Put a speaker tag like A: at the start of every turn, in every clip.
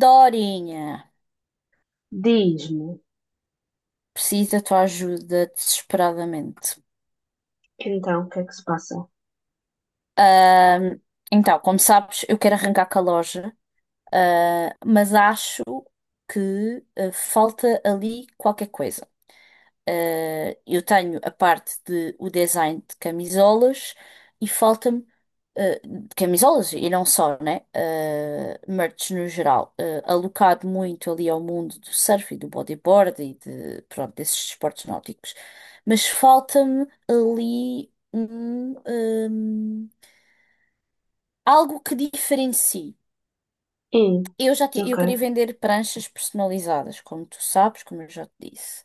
A: Dorinha,
B: Diz-me,
A: preciso da tua ajuda desesperadamente.
B: então, o que é que se passa?
A: Ahm, então, como sabes, eu quero arrancar com a loja, mas acho que falta ali qualquer coisa. Eu tenho a parte de o design de camisolas e falta-me de camisolas e não só, né? Eh, merch no geral, eh, alocado muito ali ao mundo do surf e do bodyboard e de, pronto, desses esportes náuticos. Mas falta-me ali um algo que diferencie.
B: Hum, ok.
A: Eu queria vender pranchas personalizadas, como tu sabes, como eu já te disse.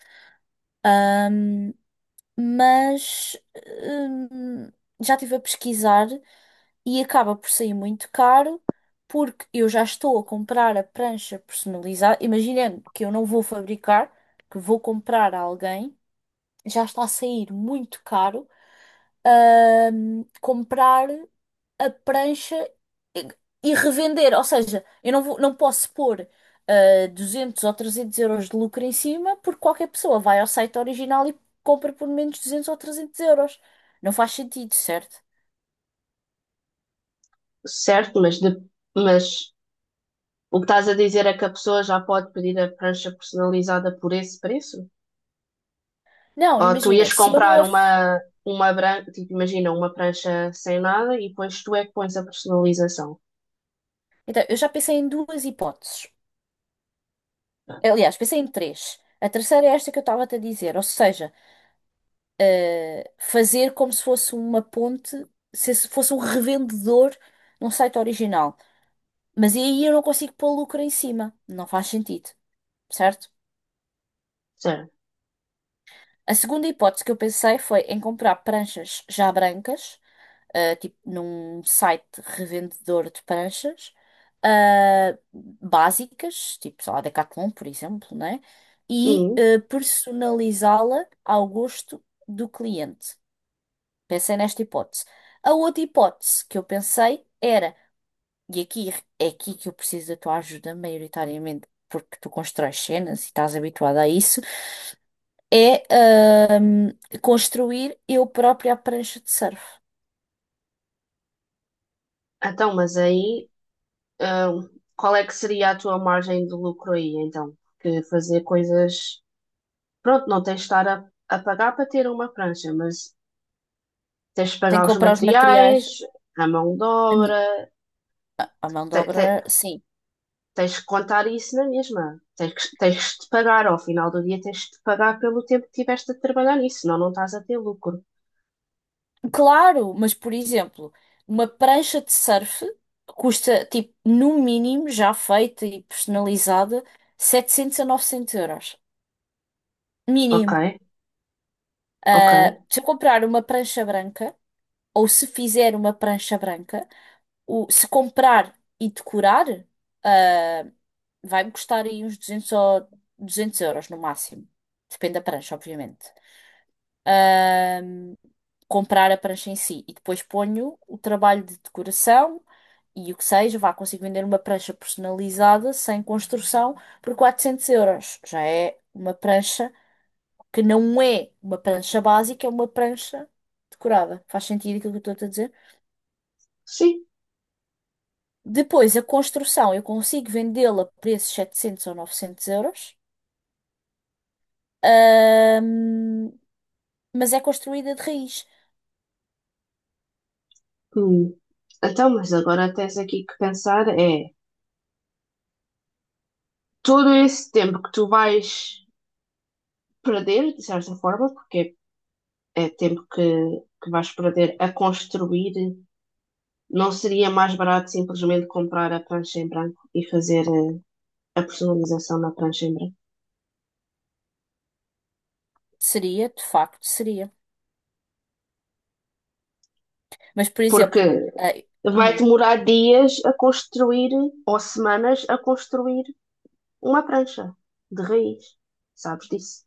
A: Ahm, mas hum, Já estive a pesquisar e acaba por sair muito caro porque eu já estou a comprar a prancha personalizada. Imaginando que eu não vou fabricar, que vou comprar a alguém, já está a sair muito caro, comprar a prancha e, e revender. Ou seja, eu não vou, não posso pôr 200 ou 300 euros de lucro em cima, porque qualquer pessoa vai ao site original e compra por menos 200 ou 300 euros. Não faz sentido, certo?
B: Certo, mas, mas o que estás a dizer é que a pessoa já pode pedir a prancha personalizada por esse preço?
A: Não,
B: Ou tu
A: imagina,
B: ias
A: se eu não.
B: comprar
A: a f-
B: uma branca, tipo, imagina, uma prancha sem nada e depois tu é que pões a personalização,
A: Então, eu já pensei em duas hipóteses. Aliás, pensei em três. A terceira é esta que eu estava-te a dizer, ou seja, fazer como se fosse uma ponte, se esse fosse um revendedor num site original. Mas aí eu não consigo pôr lucro em cima. Não faz sentido, certo?
B: certo?
A: A segunda hipótese que eu pensei foi em comprar pranchas já brancas, tipo num site revendedor de pranchas, básicas, tipo, sei lá, Decathlon, por exemplo, né? E
B: Hum,
A: personalizá-la ao gosto do cliente. Pensei nesta hipótese. A outra hipótese que eu pensei era, e aqui é aqui que eu preciso da tua ajuda maioritariamente, porque tu constróis cenas e estás habituada a isso, é ahm, construir eu própria a prancha de surf.
B: então, mas aí, hum, qual é que seria a tua margem de lucro aí, então? Que fazer coisas... Pronto, não tens de estar a pagar para ter uma prancha, mas tens de pagar
A: Tenho que
B: os
A: comprar os materiais.
B: materiais, a mão de
A: A minha-
B: obra,
A: a mão de
B: te- te-
A: obra, sim.
B: tens que contar isso na mesma. Tens, tens de pagar, ao final do dia tens de pagar pelo tempo que tiveste a trabalhar nisso, senão não estás a ter lucro.
A: Claro, mas por exemplo, uma prancha de surf custa, tipo, no mínimo, já feita e personalizada, 700 a 900 euros.
B: Ok,
A: Mínimo.
B: ok,
A: Se eu comprar uma prancha branca, ou se fizer uma prancha branca, se comprar e decorar, ah, vai-me custar aí uns 200 euros no máximo. Depende da prancha, obviamente. Ah, Comprar a prancha em si e depois ponho o trabalho de decoração e o que seja, vá, consigo vender uma prancha personalizada, sem construção, por 400 euros. Já é uma prancha que não é uma prancha básica, é uma prancha decorada. Faz sentido aquilo que eu estou a dizer?
B: sim.
A: Depois, a construção, eu consigo vendê-la a preços 700 ou 900 euros, ahm, mas é construída de raiz.
B: Hum. Então, mas agora tens aqui que pensar é todo esse tempo que tu vais perder, de certa forma, porque é tempo que vais perder a construir, não seria mais barato simplesmente comprar a prancha em branco e fazer. Eh, a personalização na prancha em branco.
A: Seria, de facto, seria. Mas, por
B: Porque
A: exemplo,
B: vai
A: hum,
B: demorar dias a construir, ou semanas a construir uma prancha de raiz. Sabes disso?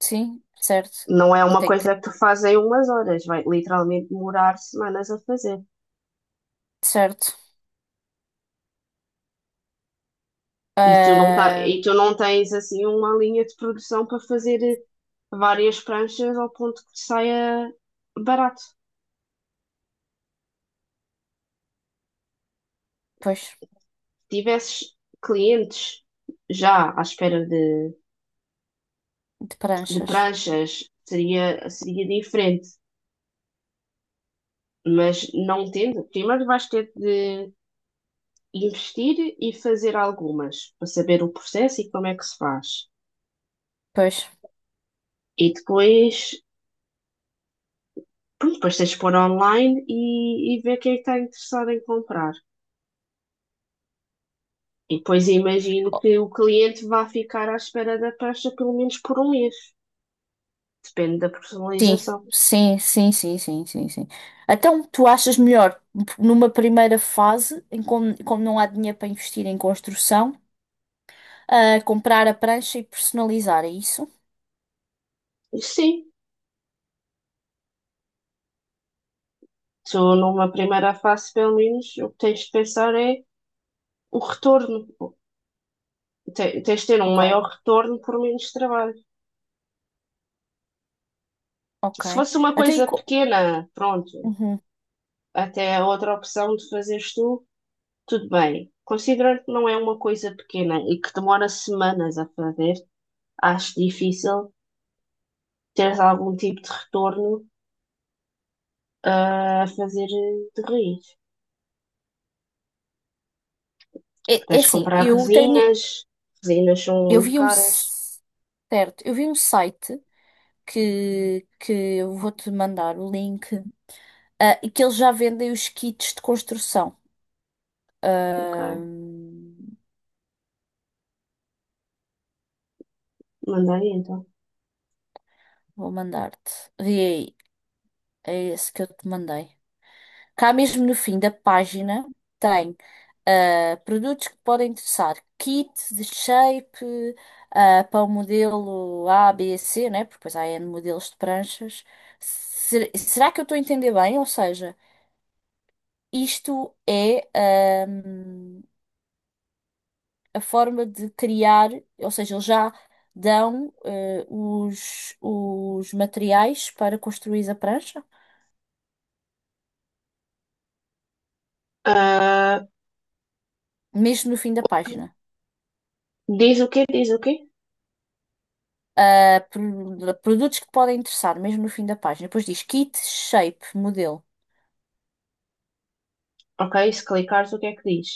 A: sim, certo.
B: Não é
A: E
B: uma
A: tem que,
B: coisa que tu fazes em umas horas, vai literalmente demorar semanas a fazer.
A: certo.
B: E tu não, tá,
A: Ah,
B: e tu não tens assim uma linha de produção para fazer várias pranchas ao ponto que saia barato. Se
A: Pois,
B: tivesses clientes já à espera
A: de
B: de
A: pranchas.
B: pranchas, seria, seria diferente. Mas não tendo, primeiro vais ter de investir e fazer algumas para saber o processo e como é que se faz.
A: Pois.
B: E depois, pronto, depois tens de pôr online e ver quem está interessado em comprar. E depois imagino que o cliente vá ficar à espera da prancha pelo menos por um mês. Depende da
A: Sim,
B: personalização.
A: sim. Então, tu achas melhor, numa primeira fase, em como, como não há dinheiro para investir em construção, comprar a prancha e personalizar, é isso?
B: E sim, tu numa primeira fase, pelo menos, o que tens de pensar é o retorno. Tens de ter um
A: Ok,
B: maior retorno por menos trabalho. Se
A: ok.
B: fosse uma
A: Então, e
B: coisa
A: co-
B: pequena, pronto,
A: Uhum.
B: até a outra opção de fazeres tu, tudo bem. Considerando que não é uma coisa pequena e que demora semanas a fazer, acho difícil teres algum tipo de retorno a fazer de raiz.
A: É, é
B: Tens de
A: assim,
B: comprar
A: eu tenho,
B: resinas, resinas são
A: eu
B: muito
A: vi um,
B: caras.
A: s- certo, eu vi um site que eu vou-te mandar o link, e que eles já vendem os kits de construção.
B: Ok,
A: Ah,
B: manda aí então.
A: Vou mandar-te. Vê aí. É esse que eu te mandei. Cá mesmo no fim da página tem produtos que podem interessar. Kit de shape para o modelo A, B, C, né? Porque depois há N modelos de pranchas. Será que eu estou a entender bem? Ou seja, isto é a forma de criar, ou seja, eles já dão os materiais para construir a prancha,
B: Ah,
A: mesmo no fim da página.
B: diz o quê? Diz o quê?
A: Produtos que podem interessar, mesmo no fim da página. Depois diz kit, shape, modelo.
B: Ok, se clicares, o que é que diz?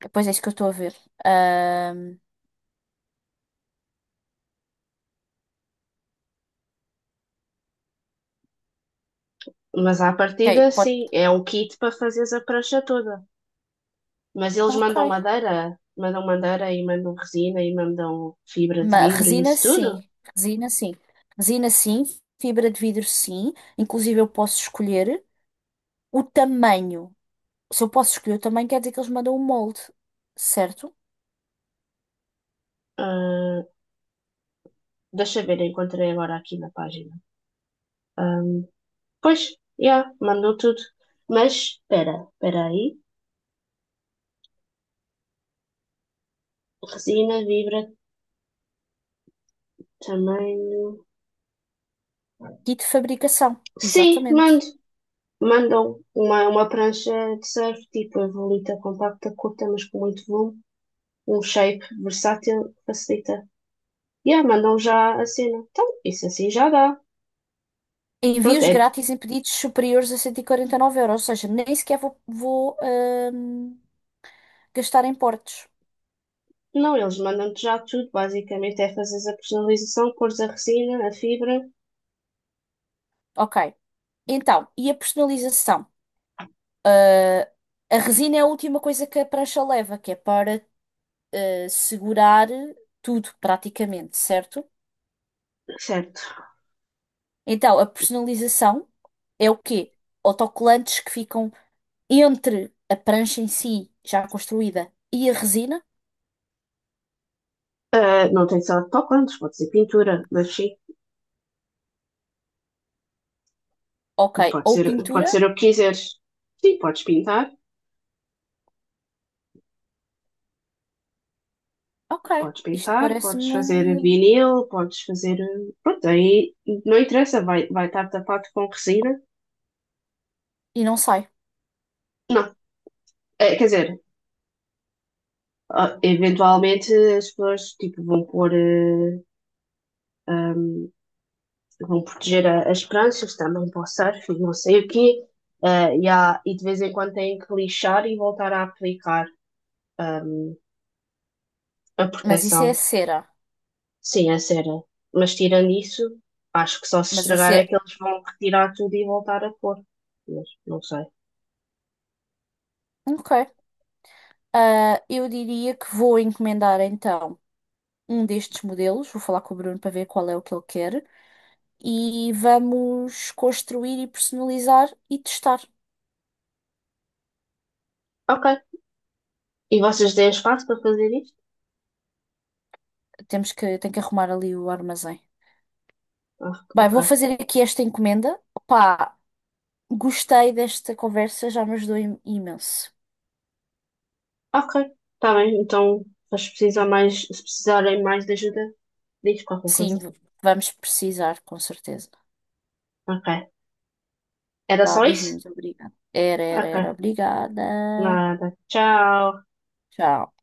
A: Depois é isso que eu estou a ver. Ahm,
B: Mas à partida,
A: ok, pode.
B: sim, é um kit para fazeres a prancha toda. Mas eles
A: Ok.
B: mandam madeira e mandam resina e mandam fibra de
A: Mas
B: vidro e
A: resina
B: isso tudo.
A: sim. Resina sim. Resina sim. Fibra de vidro sim. Inclusive eu posso escolher o tamanho. Se eu posso escolher o tamanho, quer dizer que eles mandam o molde, certo?
B: Ah, deixa eu ver, encontrei agora aqui na página. Ahm, pois, já, mandou tudo. Mas espera, espera aí. Resina, vibra, tamanho.
A: Kit de fabricação.
B: Sim,
A: Exatamente.
B: mando. Mandam uma prancha de surf, tipo a volita compacta, curta, mas com muito volume. Um shape versátil, facilita. Yeah, mandam já a cena. Então, isso assim já dá. Pronto,
A: Envios
B: é
A: grátis em pedidos superiores a 149 euros. Ou seja, nem sequer vou gastar em portos.
B: Não, eles mandam-te já tudo, basicamente é fazeres a personalização, cores a resina, a fibra,
A: Ok. Então, e a personalização? Ah, a resina é a última coisa que a prancha leva, que é para segurar tudo, praticamente, certo?
B: certo.
A: Então, a personalização é o quê? Autocolantes que ficam entre a prancha em si, já construída, e a resina?
B: Ah, não tem que ser autocolantes, pode ser pintura, mas sim,
A: Ok. Ou
B: pode
A: pintura?
B: ser o que quiseres. Sim, podes pintar,
A: Ok.
B: podes
A: Isto
B: pintar, podes
A: parece-me.
B: fazer vinil, Pronto, aí não interessa, vai, vai estar tapado com resina.
A: E não sai.
B: Não, quer dizer, eventualmente as pessoas tipo, vão pôr vão proteger as pranchas também para o surf e não sei o quê. Ah, e, e de vez em quando têm que lixar e voltar a aplicar a
A: Mas isso é a
B: proteção.
A: cera.
B: Sim, a cera. Mas tirando isso, acho que só se
A: Mas a
B: estragar é
A: cera.
B: que eles vão retirar tudo e voltar a pôr. Mas não sei.
A: Ok. Eu diria que vou encomendar então um destes modelos, vou falar com o Bruno para ver qual é o que ele quer, e vamos construir e personalizar e testar.
B: Ok. E vocês têm espaço para fazer isto?
A: Temos que, tem que arrumar ali o armazém.
B: Ah,
A: Bem,
B: ok.
A: vou fazer aqui esta encomenda. Pá, gostei desta conversa, já me ajudou imenso.
B: Ok. Está bem. Então, mas se precisar mais, se precisarem mais de ajuda, diz qualquer
A: Sim,
B: coisa.
A: v- Vamos precisar, com certeza.
B: Ok. Era
A: Vá,
B: só isso?
A: beijinhos, obrigada. Era,
B: Ok.
A: obrigada.
B: Nada. Tchau.
A: Tchau.